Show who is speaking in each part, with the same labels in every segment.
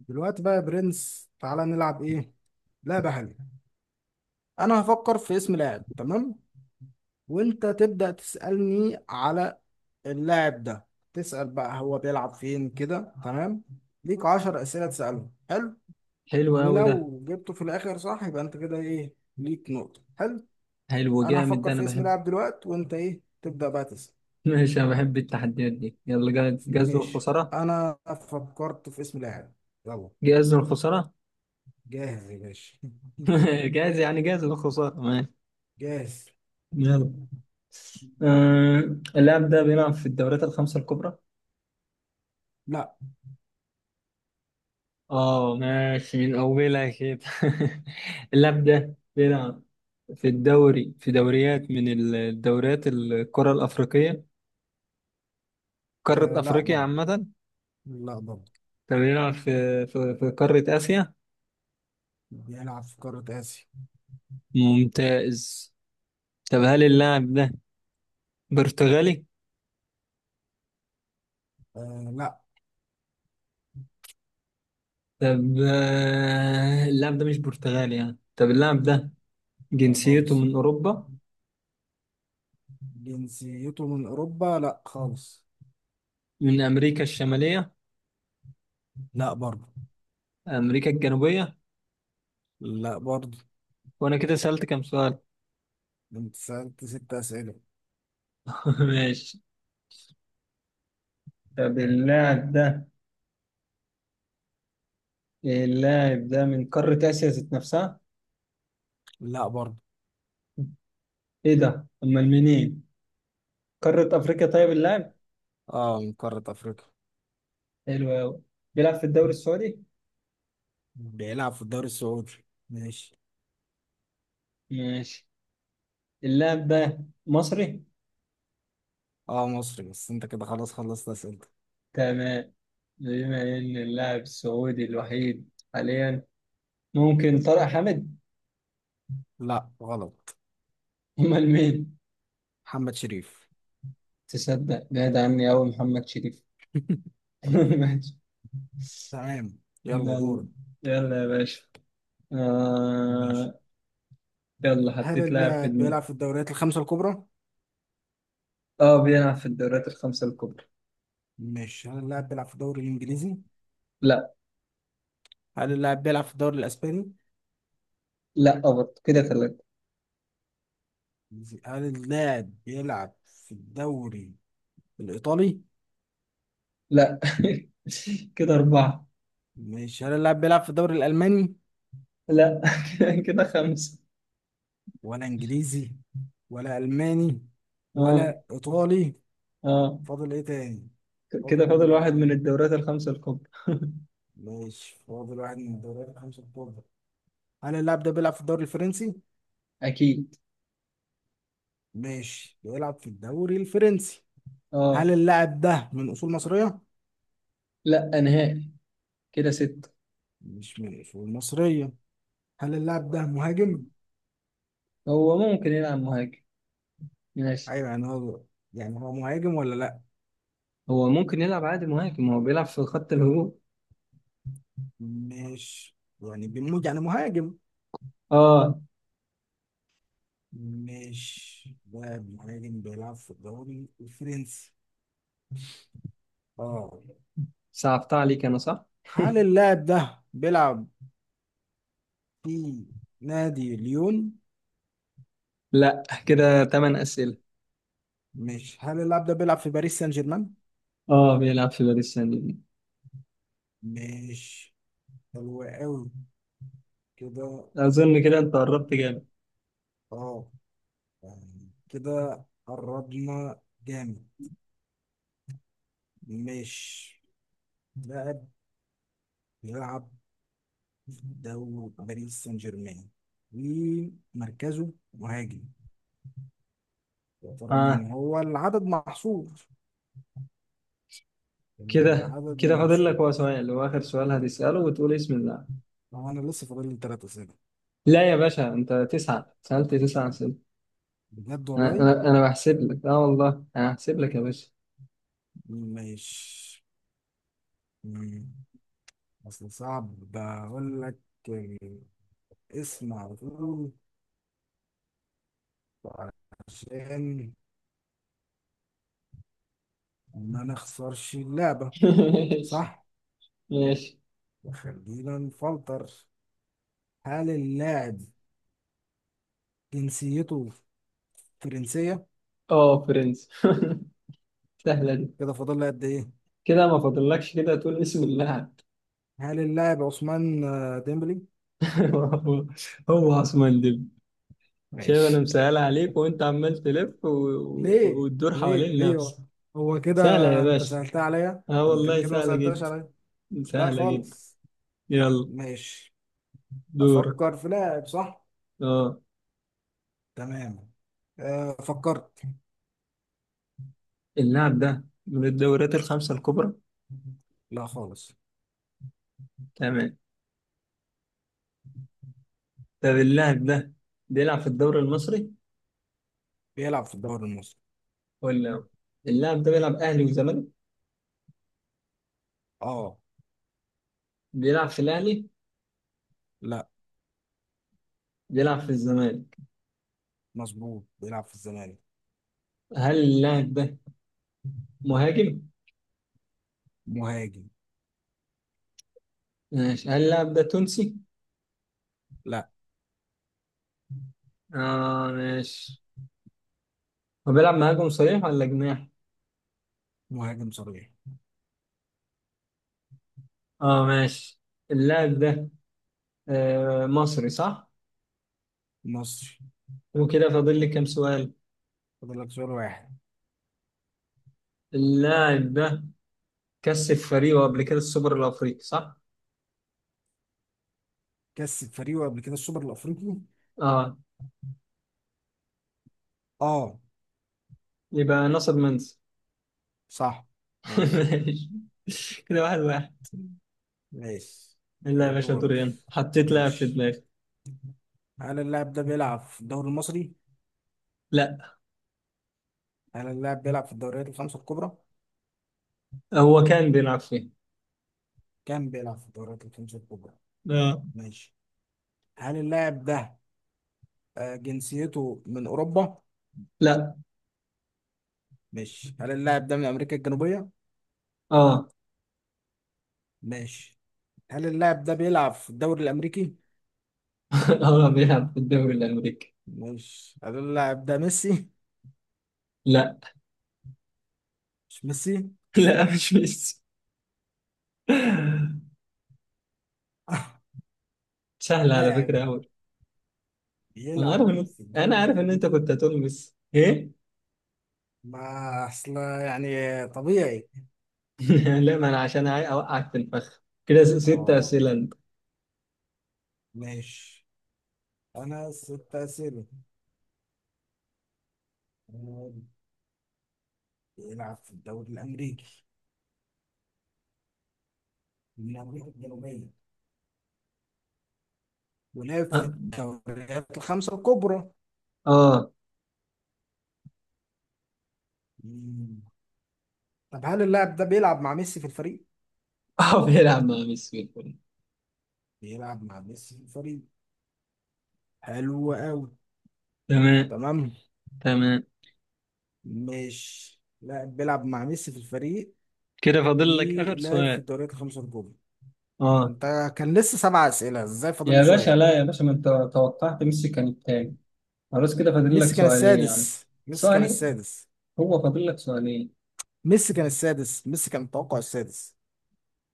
Speaker 1: دلوقتي بقى يا برنس، تعالى نلعب ايه. لعبة حلوة. انا هفكر في اسم لاعب، تمام؟ وانت تبدأ تسألني على اللاعب ده. تسأل بقى هو بيلعب فين كده، تمام؟ ليك عشر أسئلة تسألهم. حلو.
Speaker 2: حلو أوي ده.
Speaker 1: ولو جبته في الآخر صح يبقى انت كده ايه، ليك نقطة. حلو.
Speaker 2: حلو
Speaker 1: انا
Speaker 2: جامد ده،
Speaker 1: هفكر
Speaker 2: أنا
Speaker 1: في اسم
Speaker 2: بحب.
Speaker 1: لاعب دلوقتي وانت تبدأ بقى تسأل.
Speaker 2: ماشي، أنا بحب التحديات دي. يلا، جاهز جاهز
Speaker 1: ماشي،
Speaker 2: للخسارة.
Speaker 1: انا فكرت في اسم لاعب. يلا.
Speaker 2: جاهز للخسارة.
Speaker 1: جاهز يا باشا.
Speaker 2: جاهز، يعني جاهز للخسارة. ماشي.
Speaker 1: جاهز.
Speaker 2: يلا. آه. اللاعب ده بيلعب في الدوريات الخمسة الكبرى.
Speaker 1: لا.
Speaker 2: اه، ماشي، من أولها كده. اللاعب ده بيلعب في الدوري، في دوريات من الدوريات القارة الأفريقية. قارة
Speaker 1: آه، لا
Speaker 2: أفريقيا
Speaker 1: برضه.
Speaker 2: عامة.
Speaker 1: لا برضه.
Speaker 2: طب، بيلعب في قارة آسيا.
Speaker 1: بيلعب في قارة آسيا.
Speaker 2: ممتاز. طب، هل اللاعب ده برتغالي؟
Speaker 1: آه، لا.
Speaker 2: طب، اللاعب ده مش برتغالي يعني. طب اللاعب ده
Speaker 1: لا
Speaker 2: جنسيته
Speaker 1: خالص.
Speaker 2: من أوروبا.
Speaker 1: جنسيته من أوروبا لا خالص.
Speaker 2: من أمريكا الشمالية.
Speaker 1: لا برضه.
Speaker 2: أمريكا الجنوبية.
Speaker 1: لا برضه.
Speaker 2: وأنا كده سألت كام سؤال.
Speaker 1: انت سألت ست أسئلة.
Speaker 2: ماشي. طب، اللاعب ده من قارة آسيا ذات نفسها.
Speaker 1: لا برضه.
Speaker 2: إيه ده؟ أمال منين؟ قارة أفريقيا. طيب اللاعب.
Speaker 1: اه، من قارة أفريقيا.
Speaker 2: حلو أوي. بيلعب في الدوري السعودي.
Speaker 1: بيلعب في الدوري السعودي. ماشي.
Speaker 2: ماشي. اللاعب ده مصري.
Speaker 1: اه مصري، بس انت كده خلاص خلصت أسئلتك.
Speaker 2: تمام. بما إن اللاعب السعودي الوحيد حاليا، ممكن طارق حامد.
Speaker 1: لا غلط.
Speaker 2: أمال مين؟
Speaker 1: محمد شريف.
Speaker 2: تصدق بعد عني أوي محمد شريف. ماشي.
Speaker 1: تمام. يلا
Speaker 2: يلا.
Speaker 1: دورك.
Speaker 2: يلا يا باشا.
Speaker 1: ماشي،
Speaker 2: آه... يلا،
Speaker 1: هل
Speaker 2: حطيت لاعب في
Speaker 1: اللاعب
Speaker 2: دماغي.
Speaker 1: بيلعب في الدوريات الخمسة الكبرى؟
Speaker 2: اه، بيلعب في الدوريات الخمسة الكبرى.
Speaker 1: ماشي، هل اللاعب بيلعب في الدوري الإنجليزي؟
Speaker 2: لا.
Speaker 1: هل اللاعب بيلعب في الدوري الإسباني؟
Speaker 2: لا برضه، كده ثلاثة.
Speaker 1: هل اللاعب بيلعب في الدوري الإيطالي؟
Speaker 2: لا. كده أربعة.
Speaker 1: مش، هل اللاعب بيلعب في الدوري الألماني
Speaker 2: لا. كده خمسة.
Speaker 1: ولا إنجليزي ولا ألماني
Speaker 2: اه.
Speaker 1: ولا إيطالي؟
Speaker 2: اه.
Speaker 1: فاضل إيه تاني؟ فاضل.
Speaker 2: كده فاضل واحد من الدوريات الخمسة الكبرى.
Speaker 1: ماشي، فاضل واحد من الدوريات الخمسة الكبرى. هل اللاعب ده بيلعب في الدوري الفرنسي؟
Speaker 2: أكيد.
Speaker 1: ماشي، بيلعب في الدوري الفرنسي.
Speaker 2: اه.
Speaker 1: هل اللاعب ده من أصول مصرية؟
Speaker 2: لا نهائي. كده ستة.
Speaker 1: مش من أصول مصرية. هل اللاعب ده مهاجم؟
Speaker 2: هو ممكن يلعب مهاجم. ماشي.
Speaker 1: أيوه، يعني هو، يعني هو مهاجم ولا لأ؟
Speaker 2: هو ممكن يلعب عادي مهاجم، هو بيلعب في خط الهجوم.
Speaker 1: مش، يعني بيموت يعني مهاجم.
Speaker 2: اه.
Speaker 1: مش لاعب مهاجم بيلعب في الدوري الفرنسي. اه.
Speaker 2: صعبت عليك انا صح؟
Speaker 1: هل اللاعب ده بيلعب في نادي ليون؟
Speaker 2: لا، كده 8 اسئله.
Speaker 1: مش، هل اللاعب ده بيلعب في باريس سان جيرمان؟
Speaker 2: اه، بيلعب في باريس سان جيرمان.
Speaker 1: مش. حلو قوي. كده.
Speaker 2: اظن كده انت قربت جامد.
Speaker 1: اه، يعني كده قربنا جامد. مش لاعب بيلعب في دوري باريس سان جيرمان ومركزه مهاجم. يا ترى مين
Speaker 2: اه.
Speaker 1: هو؟ العدد محصور.
Speaker 2: كده
Speaker 1: العدد
Speaker 2: كده فاضل لك
Speaker 1: محصور.
Speaker 2: هو سؤال، هو اخر سؤال هتساله وتقول اسم اللاعب.
Speaker 1: طبعا انا لسه فاضل لي ثلاث اسئله.
Speaker 2: لا يا باشا، انت 9 سالت 9 اسئله.
Speaker 1: بجد
Speaker 2: انا
Speaker 1: والله.
Speaker 2: انا انا بحسب لك، اه والله انا هحسب لك يا باشا.
Speaker 1: ماشي. مم. اصل صعب، بقول لك اسم على طول عشان ما نخسرش اللعبه.
Speaker 2: ماشي.
Speaker 1: صح.
Speaker 2: ماشي.
Speaker 1: وخلينا نفلتر. هل اللاعب جنسيته فرنسيه؟
Speaker 2: اه، برنس. سهله دي.
Speaker 1: كده فاضل لي قد ايه؟
Speaker 2: كده ما فاضلكش، كده تقول اسم اللاعب.
Speaker 1: هل اللاعب عثمان ديمبلي؟
Speaker 2: هو. هو عثمان ديمبلي. شايف انا
Speaker 1: ماشي.
Speaker 2: مسهلها عليك وانت عمال تلف
Speaker 1: ليه؟
Speaker 2: وتدور
Speaker 1: ليه
Speaker 2: حوالين
Speaker 1: ليه هو؟
Speaker 2: نفسك.
Speaker 1: هو كده.
Speaker 2: سهلة يا
Speaker 1: انت
Speaker 2: باشا.
Speaker 1: سهلتها عليا؟
Speaker 2: اه
Speaker 1: انت
Speaker 2: والله،
Speaker 1: كده ما
Speaker 2: سهلة
Speaker 1: سهلتهاش
Speaker 2: جدا.
Speaker 1: عليا. لا
Speaker 2: سهلة جدا.
Speaker 1: خالص.
Speaker 2: يلا.
Speaker 1: ماشي. افكر
Speaker 2: دورك.
Speaker 1: في لاعب، صح؟
Speaker 2: اه.
Speaker 1: تمام. أه، فكرت.
Speaker 2: اللاعب ده من الدوريات الخمسة الكبرى.
Speaker 1: لا خالص.
Speaker 2: تمام. طب، اللاعب ده بيلعب في الدوري المصري
Speaker 1: بيلعب في الدوري المصري.
Speaker 2: ولا لا؟ اللاعب ده بيلعب اهلي وزمالك؟
Speaker 1: اه.
Speaker 2: بيلعب في الاهلي؟
Speaker 1: لا.
Speaker 2: بيلعب في الزمالك؟
Speaker 1: مظبوط، بيلعب في الزمالك.
Speaker 2: هل اللاعب ده مهاجم؟
Speaker 1: مهاجم.
Speaker 2: ماشي، هل اللاعب ده تونسي؟
Speaker 1: لا.
Speaker 2: اه، ماشي. هو بيلعب مهاجم صريح ولا جناح؟
Speaker 1: مهاجم صريح.
Speaker 2: اه، ماشي. اللاعب ده مصري صح؟
Speaker 1: مصري.
Speaker 2: وكده فاضل لي كام سؤال؟
Speaker 1: فاضل لك سؤال واحد.
Speaker 2: اللاعب ده كسب فريقه قبل كده السوبر الأفريقي صح؟
Speaker 1: كسب فريقه قبل كده السوبر الافريقي.
Speaker 2: اه.
Speaker 1: اه.
Speaker 2: يبقى ناصر منسي.
Speaker 1: صح. ماشي.
Speaker 2: ماشي، كده واحد واحد.
Speaker 1: ماشي
Speaker 2: لا يا باشا،
Speaker 1: دورك.
Speaker 2: دوري أنا، حطيت لاعب في
Speaker 1: ماشي،
Speaker 2: دماغي.
Speaker 1: هل اللاعب ده بيلعب في الدوري المصري؟
Speaker 2: لا.
Speaker 1: هل اللاعب بيلعب في الدوريات الخمسة الكبرى؟
Speaker 2: هو كان بيلعب فين؟
Speaker 1: كان بيلعب في الدوريات الخمسة الكبرى.
Speaker 2: اه.
Speaker 1: ماشي، هل اللاعب ده جنسيته من أوروبا؟
Speaker 2: لا.
Speaker 1: ماشي، هل اللاعب ده من أمريكا الجنوبية؟
Speaker 2: اه.
Speaker 1: ماشي، هل اللاعب ده بيلعب في الدوري الأمريكي؟
Speaker 2: هو بيلعب في الدوري الأمريكي؟
Speaker 1: ماشي، هل اللاعب ده ميسي؟
Speaker 2: لا.
Speaker 1: مش ميسي؟
Speaker 2: لا، مش ميسي. سهل على
Speaker 1: لاعب
Speaker 2: فكرة أوي. أنا
Speaker 1: بيلعب
Speaker 2: عارف إن
Speaker 1: في
Speaker 2: أنا
Speaker 1: الدوري
Speaker 2: عارف إن أنت
Speaker 1: الأمريكي؟
Speaker 2: كنت هتقول ميسي إيه؟
Speaker 1: ما أصل يعني طبيعي.
Speaker 2: لا، ما انا عشان اوقعك في الفخ كده، ست
Speaker 1: اه.
Speaker 2: اسئله انت.
Speaker 1: ماشي، أنا ست أسئلة. بيلعب في الدوري الأمريكي، من أمريكا الجنوبية، ولعب في
Speaker 2: اه.
Speaker 1: الدوريات الخمسة الكبرى.
Speaker 2: اه.
Speaker 1: مم. طب هل اللاعب ده بيلعب مع ميسي في الفريق؟
Speaker 2: بيلعب مع ميسي الكل.
Speaker 1: بيلعب مع ميسي في الفريق. حلو أوي.
Speaker 2: تمام.
Speaker 1: تمام.
Speaker 2: تمام.
Speaker 1: مش لاعب بيلعب مع ميسي في الفريق
Speaker 2: كده فاضل لك اخر
Speaker 1: ولعب في
Speaker 2: سؤال.
Speaker 1: الدوريات الخمسة الكبرى.
Speaker 2: اه.
Speaker 1: أنت، كان لسه سبع أسئلة، إزاي فاضل
Speaker 2: يا
Speaker 1: لي
Speaker 2: باشا،
Speaker 1: سؤال؟
Speaker 2: لا يا باشا، ما انت. توقعت ميسي كان التاني. خلاص، كده فاضل لك
Speaker 1: ميسي كان
Speaker 2: سؤالين يعني.
Speaker 1: السادس، ميسي كان
Speaker 2: سؤالين.
Speaker 1: السادس،
Speaker 2: هو فاضل لك سؤالين.
Speaker 1: ميسي كان السادس، ميسي كان التوقع السادس.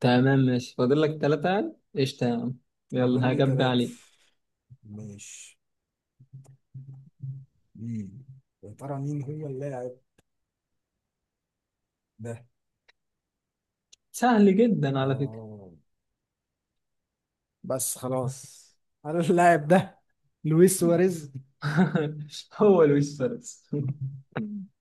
Speaker 2: تمام، ماشي، فاضل لك 3، قشطه يا عم.
Speaker 1: فاضل
Speaker 2: يلا،
Speaker 1: لي
Speaker 2: هجب
Speaker 1: تلاتة.
Speaker 2: عليك.
Speaker 1: ماشي. مين يا ترى مين هو اللاعب ده.
Speaker 2: سهل جدا على فكره.
Speaker 1: اه بس خلاص. انا اللاعب ده لويس سواريز.
Speaker 2: هو لويس فارس.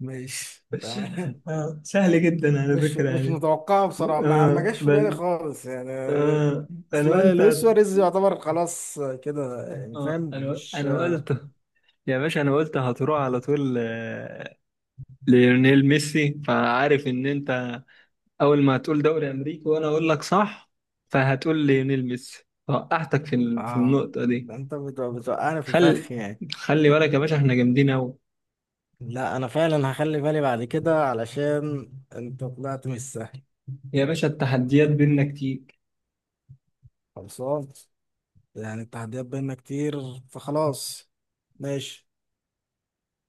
Speaker 1: ماشي، تمام.
Speaker 2: سهل جدا على
Speaker 1: مش
Speaker 2: فكره
Speaker 1: مش
Speaker 2: يعني.
Speaker 1: متوقعه بصراحه، ما
Speaker 2: آه
Speaker 1: جاش في
Speaker 2: بس.
Speaker 1: بالي خالص يعني.
Speaker 2: آه.
Speaker 1: اصل
Speaker 2: انا قلت
Speaker 1: لويس
Speaker 2: هت...
Speaker 1: سواريز يعتبر خلاص كده، يعني
Speaker 2: آه.
Speaker 1: فاهم؟
Speaker 2: انا
Speaker 1: مش.
Speaker 2: انا قلت. يا باشا، انا قلت هتروح على طول، ليونيل ميسي، فعارف ان انت اول ما هتقول دوري امريكي وانا اقول لك صح، فهتقول ليونيل ميسي، فوقعتك في
Speaker 1: اه.
Speaker 2: النقطة دي.
Speaker 1: ده انت بتوقعني في
Speaker 2: خل
Speaker 1: الفخ يعني.
Speaker 2: خلي بالك يا باشا، احنا جامدين قوي.
Speaker 1: لا انا فعلا هخلي بالي بعد كده علشان انت طلعت مش سهل.
Speaker 2: يا باشا، التحديات بينا كتير.
Speaker 1: خلصان. يعني التحديات بينا كتير. فخلاص. ماشي.